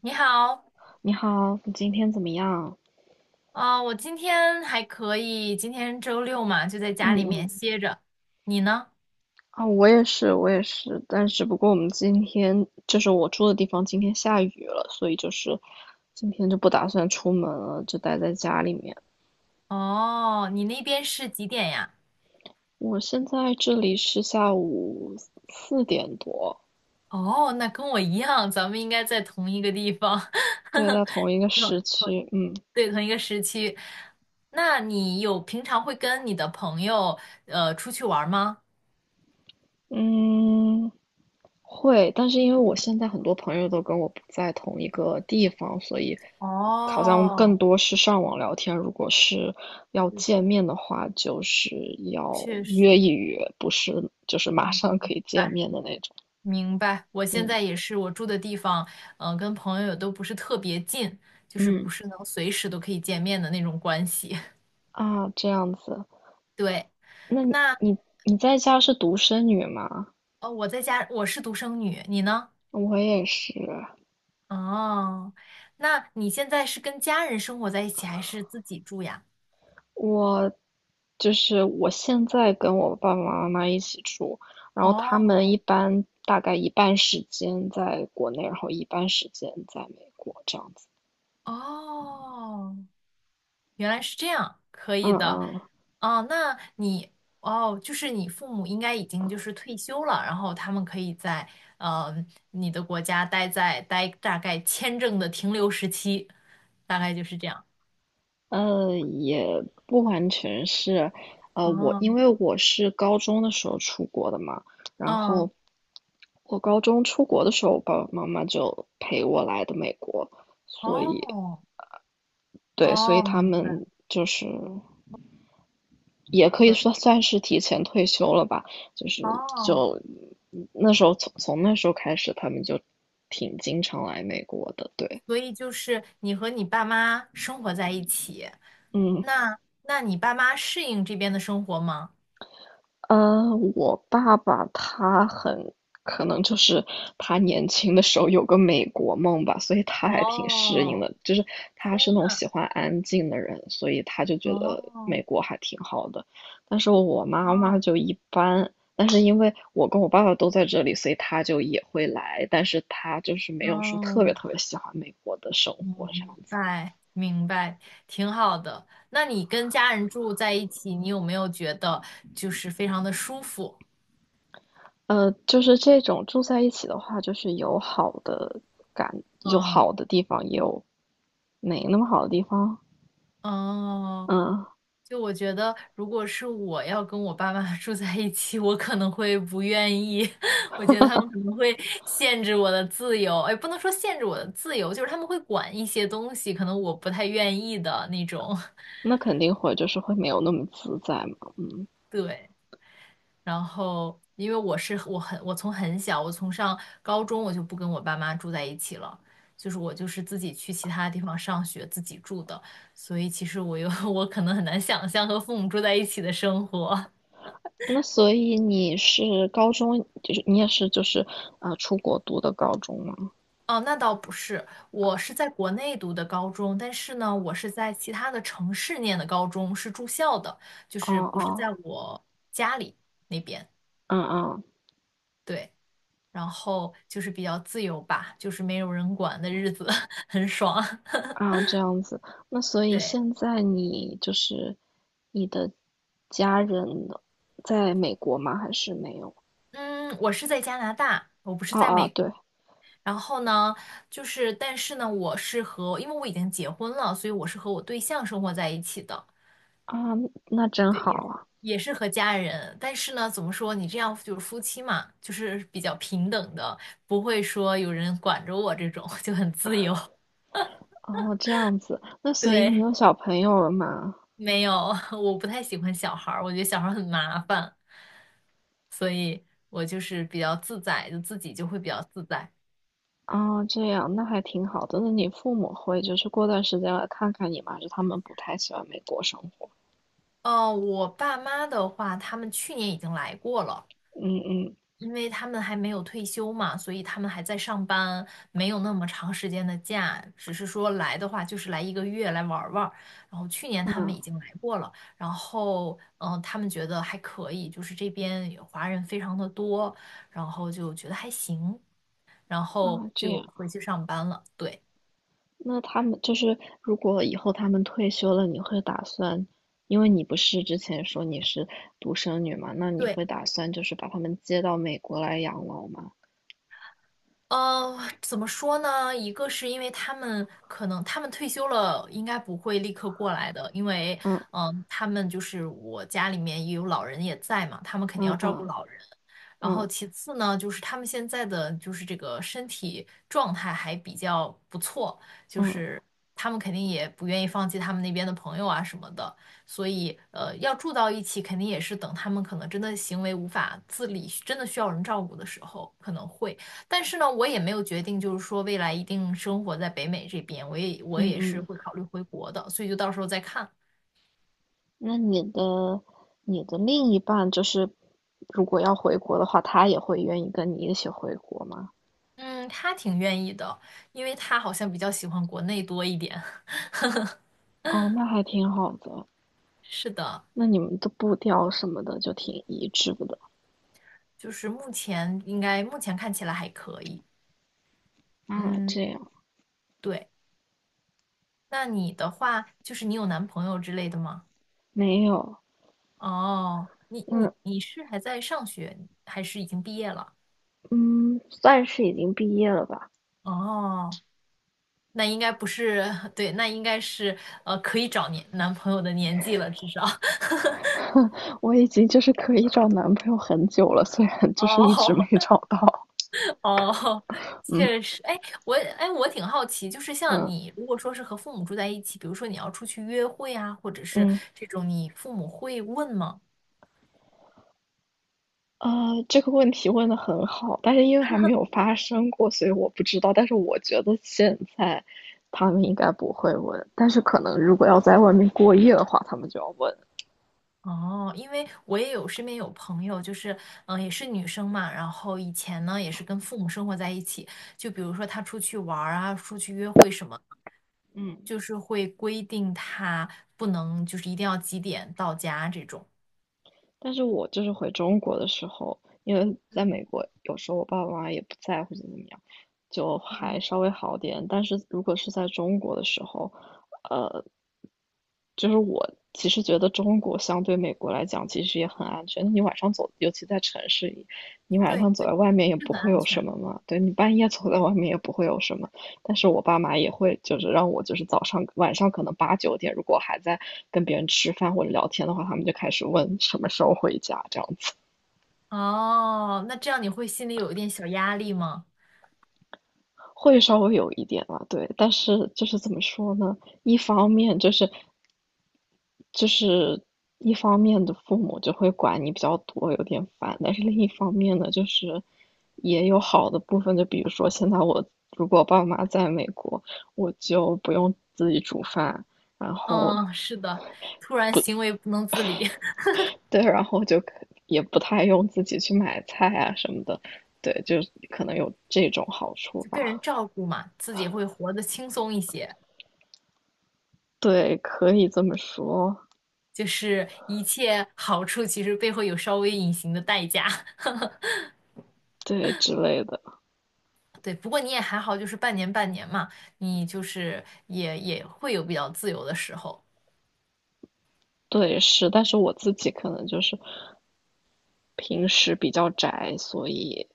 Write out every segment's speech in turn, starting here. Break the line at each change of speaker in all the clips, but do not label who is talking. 你好。
你好，你今天怎么样？
我今天还可以，今天周六嘛，就在家
嗯
里面
嗯，
歇着。你呢？
啊，我也是，我也是，但只不过我们今天就是我住的地方今天下雨了，所以就是今天就不打算出门了，就待在家里面。
哦，你那边是几点呀？
我现在这里是下午四点多，
哦，那跟我一样，咱们应该在同一个地方。
对，在 同一个
同
时区，嗯
对，同一个时区。那你平常会跟你的朋友出去玩儿吗？
嗯，会，但是因为我现在很多朋友都跟我不在同一个地方，所以好像更
哦，
多是上网聊天。如果是要见面的话，就是要
确实。
约一约，不是就是马
嗯，
上可以见
晚
面的那种。
明白，我现
嗯
在也是，我住的地方，嗯、跟朋友都不是特别近，就是
嗯
不是能随时都可以见面的那种关系。
啊，这样子。
对。
那你
那
你你在家是独生女吗？
我在家，我是独生女，你呢？
我也是。
哦，那你现在是跟家人生活在一起，还是自己住呀？
我就是我现在跟我爸爸妈妈一起住，然后他们
哦
一般大概一半时间在国内，然后一半时间在美国这样子。
哦，原来是这样，可以
嗯
的。
嗯，
哦，哦，就是你父母应该已经就是退休了，然后他们可以在呃你的国家待大概签证的停留时期，大概就是这样。
嗯，也不完全是，我
哦，
因为我是高中的时候出国的嘛，然
嗯，
后我高中出国的时候，我爸爸妈妈就陪我来的美国，所以
哦，
对，所以
哦，
他
明白，
们就是也可
可
以
以。
说算是提前退休了吧，就是
哦，
就那时候从那时候开始，他们就挺经常来美国的，对，
所以就是你和你爸妈生活在一起。
嗯。
那你爸妈适应这边的生活吗？
我爸爸他很可能就是他年轻的时候有个美国梦吧，所以他还挺适应
哦，
的。就是他
天
是那种
呐，
喜欢安静的人，所以他就觉得
哦
美国还挺好的。但是我妈妈
哦，
就一般，但是因为我跟我爸爸都在这里，所以他就也会来，但是他就是没有说特别
哦，
特别喜欢美国的生活这样
明
子。
白明白，挺好的。那你跟家人住在一起，你有没有觉得就是非常的舒服？
就是这种住在一起的话，就是有好的感，有
嗯
好的地方，也有没那么好的地方。
哦，
嗯，
就我觉得，如果是我要跟我爸妈 住在一起，我可能会不愿意。我觉得他们可能会限制我的自由，哎，不能说限制我的自由，就是他们会管一些东西，可能我不太愿意的那种。
那肯定会就是会没有那么自在嘛。
对。然后因为我是我很我从很小，我从上高中我就不跟我爸妈住在一起了，就是我就是自己去其他地方上学，自己住的，所以其实我可能很难想象和父母住在一起的生活。
那所以你是高中，就是你也是就是出国读的高中吗？
哦，那倒不是，我是在国内读的高中，但是呢，我是在其他的城市念的高中，是住校的，就
哦
是不是
哦，
在我家里那边。
嗯嗯
对，然后就是比较自由吧，就是没有人管的日子，很爽。
啊，这样子。那所 以
对。
现在你就是你的家人在美国吗？还是没有？
嗯，我是在加拿大，我不是
啊
在
啊，
美国。
对
然后呢，就是，但是呢，我是和，因为我已经结婚了，所以我是和我对象生活在一起的，
啊，那真
对，
好
也是
啊。
和家人。但是呢，怎么说，你这样就是夫妻嘛，就是比较平等的，不会说有人管着我这种，就很自由。
哦，这样子，那所以你
对。
有小朋友了吗？
没有，我不太喜欢小孩儿，我觉得小孩儿很麻烦，所以我就是比较自在，就自己就会比较自在。
哦，这样，那还挺好的。那你父母会就是过段时间来看看你吗？就是他们不太喜欢美国生活？
我爸妈的话，他们去年已经来过了，
嗯嗯
因为他们还没有退休嘛，所以他们还在上班，没有那么长时间的假，只是说来的话就是来一个月来玩儿玩儿，然后去年他们
嗯
已经来过了，然后他们觉得还可以，就是这边有华人非常的多，然后就觉得还行，然后
啊，这
就
样。
回去上班了。对。
那他们就是如果以后他们退休了，你会打算，因为你不是之前说你是独生女嘛，那你
对。
会打算就是把他们接到美国来养老吗？
怎么说呢？一个是因为他们退休了，应该不会立刻过来的，因为
嗯
他们就是我家里面也有老人也在嘛，他们肯定要
嗯
照顾
嗯
老人。然后
嗯
其次呢，就是他们现在的就是这个身体状态还比较不错，就
嗯
是他们肯定也不愿意放弃他们那边的朋友啊什么的，所以要住到一起，肯定也是等他们可能真的行为无法自理，真的需要人照顾的时候可能会。但是呢，我也没有决定，就是说未来一定生活在北美这边，我
嗯
也是
嗯。
会考虑回国的，所以就到时候再看。
那你的另一半就是，如果要回国的话，他也会愿意跟你一起回国吗？
嗯，他挺愿意的，因为他好像比较喜欢国内多一点。
哦，那还挺好的。
是的。
那你们的步调什么的就挺一致的。
就是目前目前看起来还可以。
啊，这
嗯，
样，
对。那你的话，就是你有男朋友之类的吗？
没有，
哦，你你
嗯
你是还在上学，还是已经毕业了？
嗯，算是已经毕业了吧？
哦，那应该不是，对，那应该是可以找年男朋友的年纪了，至少。
我已经就是可以找男朋友很久了，虽然就是一直
哦
没找到。
哦，
嗯
确实。哎，我挺好奇，就是像
嗯
你，如果说是和父母住在一起，比如说你要出去约会啊，或者是
嗯。
这种，你父母会问吗？
这个问题问的很好，但是因为还没有发生过，所以我不知道。但是我觉得现在他们应该不会问，但是可能如果要在外面过夜的话，他们就要问。
哦，因为我身边有朋友，就是也是女生嘛，然后以前呢也是跟父母生活在一起，就比如说她出去玩儿啊，出去约会什么，
嗯，
就是会规定她不能就是一定要几点到家这种。
但是我就是回中国的时候，因为在美
嗯
国有时候我爸爸妈妈也不在或者怎么样，就还
嗯，
稍微好点。但是如果是在中国的时候，呃，就是我其实觉得中国相对美国来讲，其实也很安全。你晚上走，尤其在城市里，你晚
对，
上走
对，
在外面也
是
不
很
会
安
有什
全。
么嘛。对你半夜走在
对。
外面也不会有什么。但是我爸妈也会就是让我就是早上晚上可能八九点，如果还在跟别人吃饭或者聊天的话，他们就开始问什么时候回家这样子，
哦，那这样你会心里有一点小压力吗？
会稍微有一点啊，对。但是就是怎么说呢？一方面就是一方面的父母就会管你比较多，有点烦，但是另一方面呢，就是也有好的部分，就比如说现在我如果爸妈在美国，我就不用自己煮饭，然后
嗯，是的，突然行为不能自理。
对，然后也不太用自己去买菜啊什么的，对，就可能有这种好 处
就
吧，
被人照顾嘛，自己会活得轻松一些。
对，可以这么说，
就是一切好处其实背后有稍微隐形的代价。
对之类的，
对，不过你也还好，就是半年嘛，你就是也会有比较自由的时候。
对，是，但是我自己可能就是平时比较宅，所以。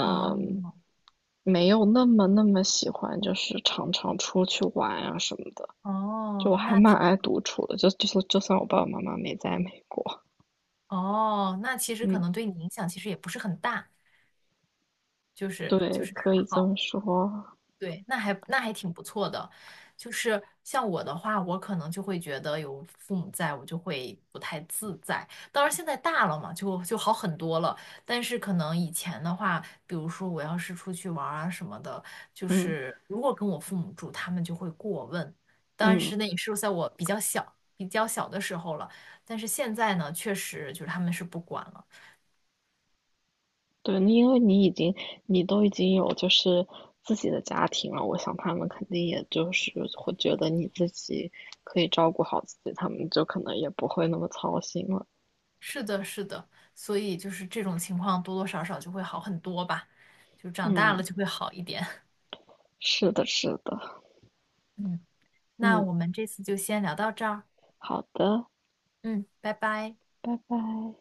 哦
没有那么那么喜欢，就是常常出去玩啊什么的。就
哦，
我还蛮爱独处的，就算我爸爸妈妈没在美国，
哦，那其实可
嗯，
能对你影响其实也不是很大，就是
对，可以
还
这
好。
么说，
对，那还挺不错的，就是像我的话，我可能就会觉得有父母在，我就会不太自在。当然现在大了嘛，就好很多了。但是可能以前的话，比如说我要是出去玩儿啊什么的，就
嗯
是如果跟我父母住，他们就会过问。但
嗯，
是那也是在我比较小的时候了。但是现在呢，确实就是他们是不管了。
对，那因为你都已经有就是自己的家庭了，我想他们肯定也就是会觉得你自己可以照顾好自己，他们就可能也不会那么操心了。
是的，是的，所以就是这种情况多多少少就会好很多吧，就长大了
嗯，
就会好一点。
是的，是的，
嗯，那
嗯，
我们这次就先聊到这儿。
好的，
嗯，拜拜。
拜拜。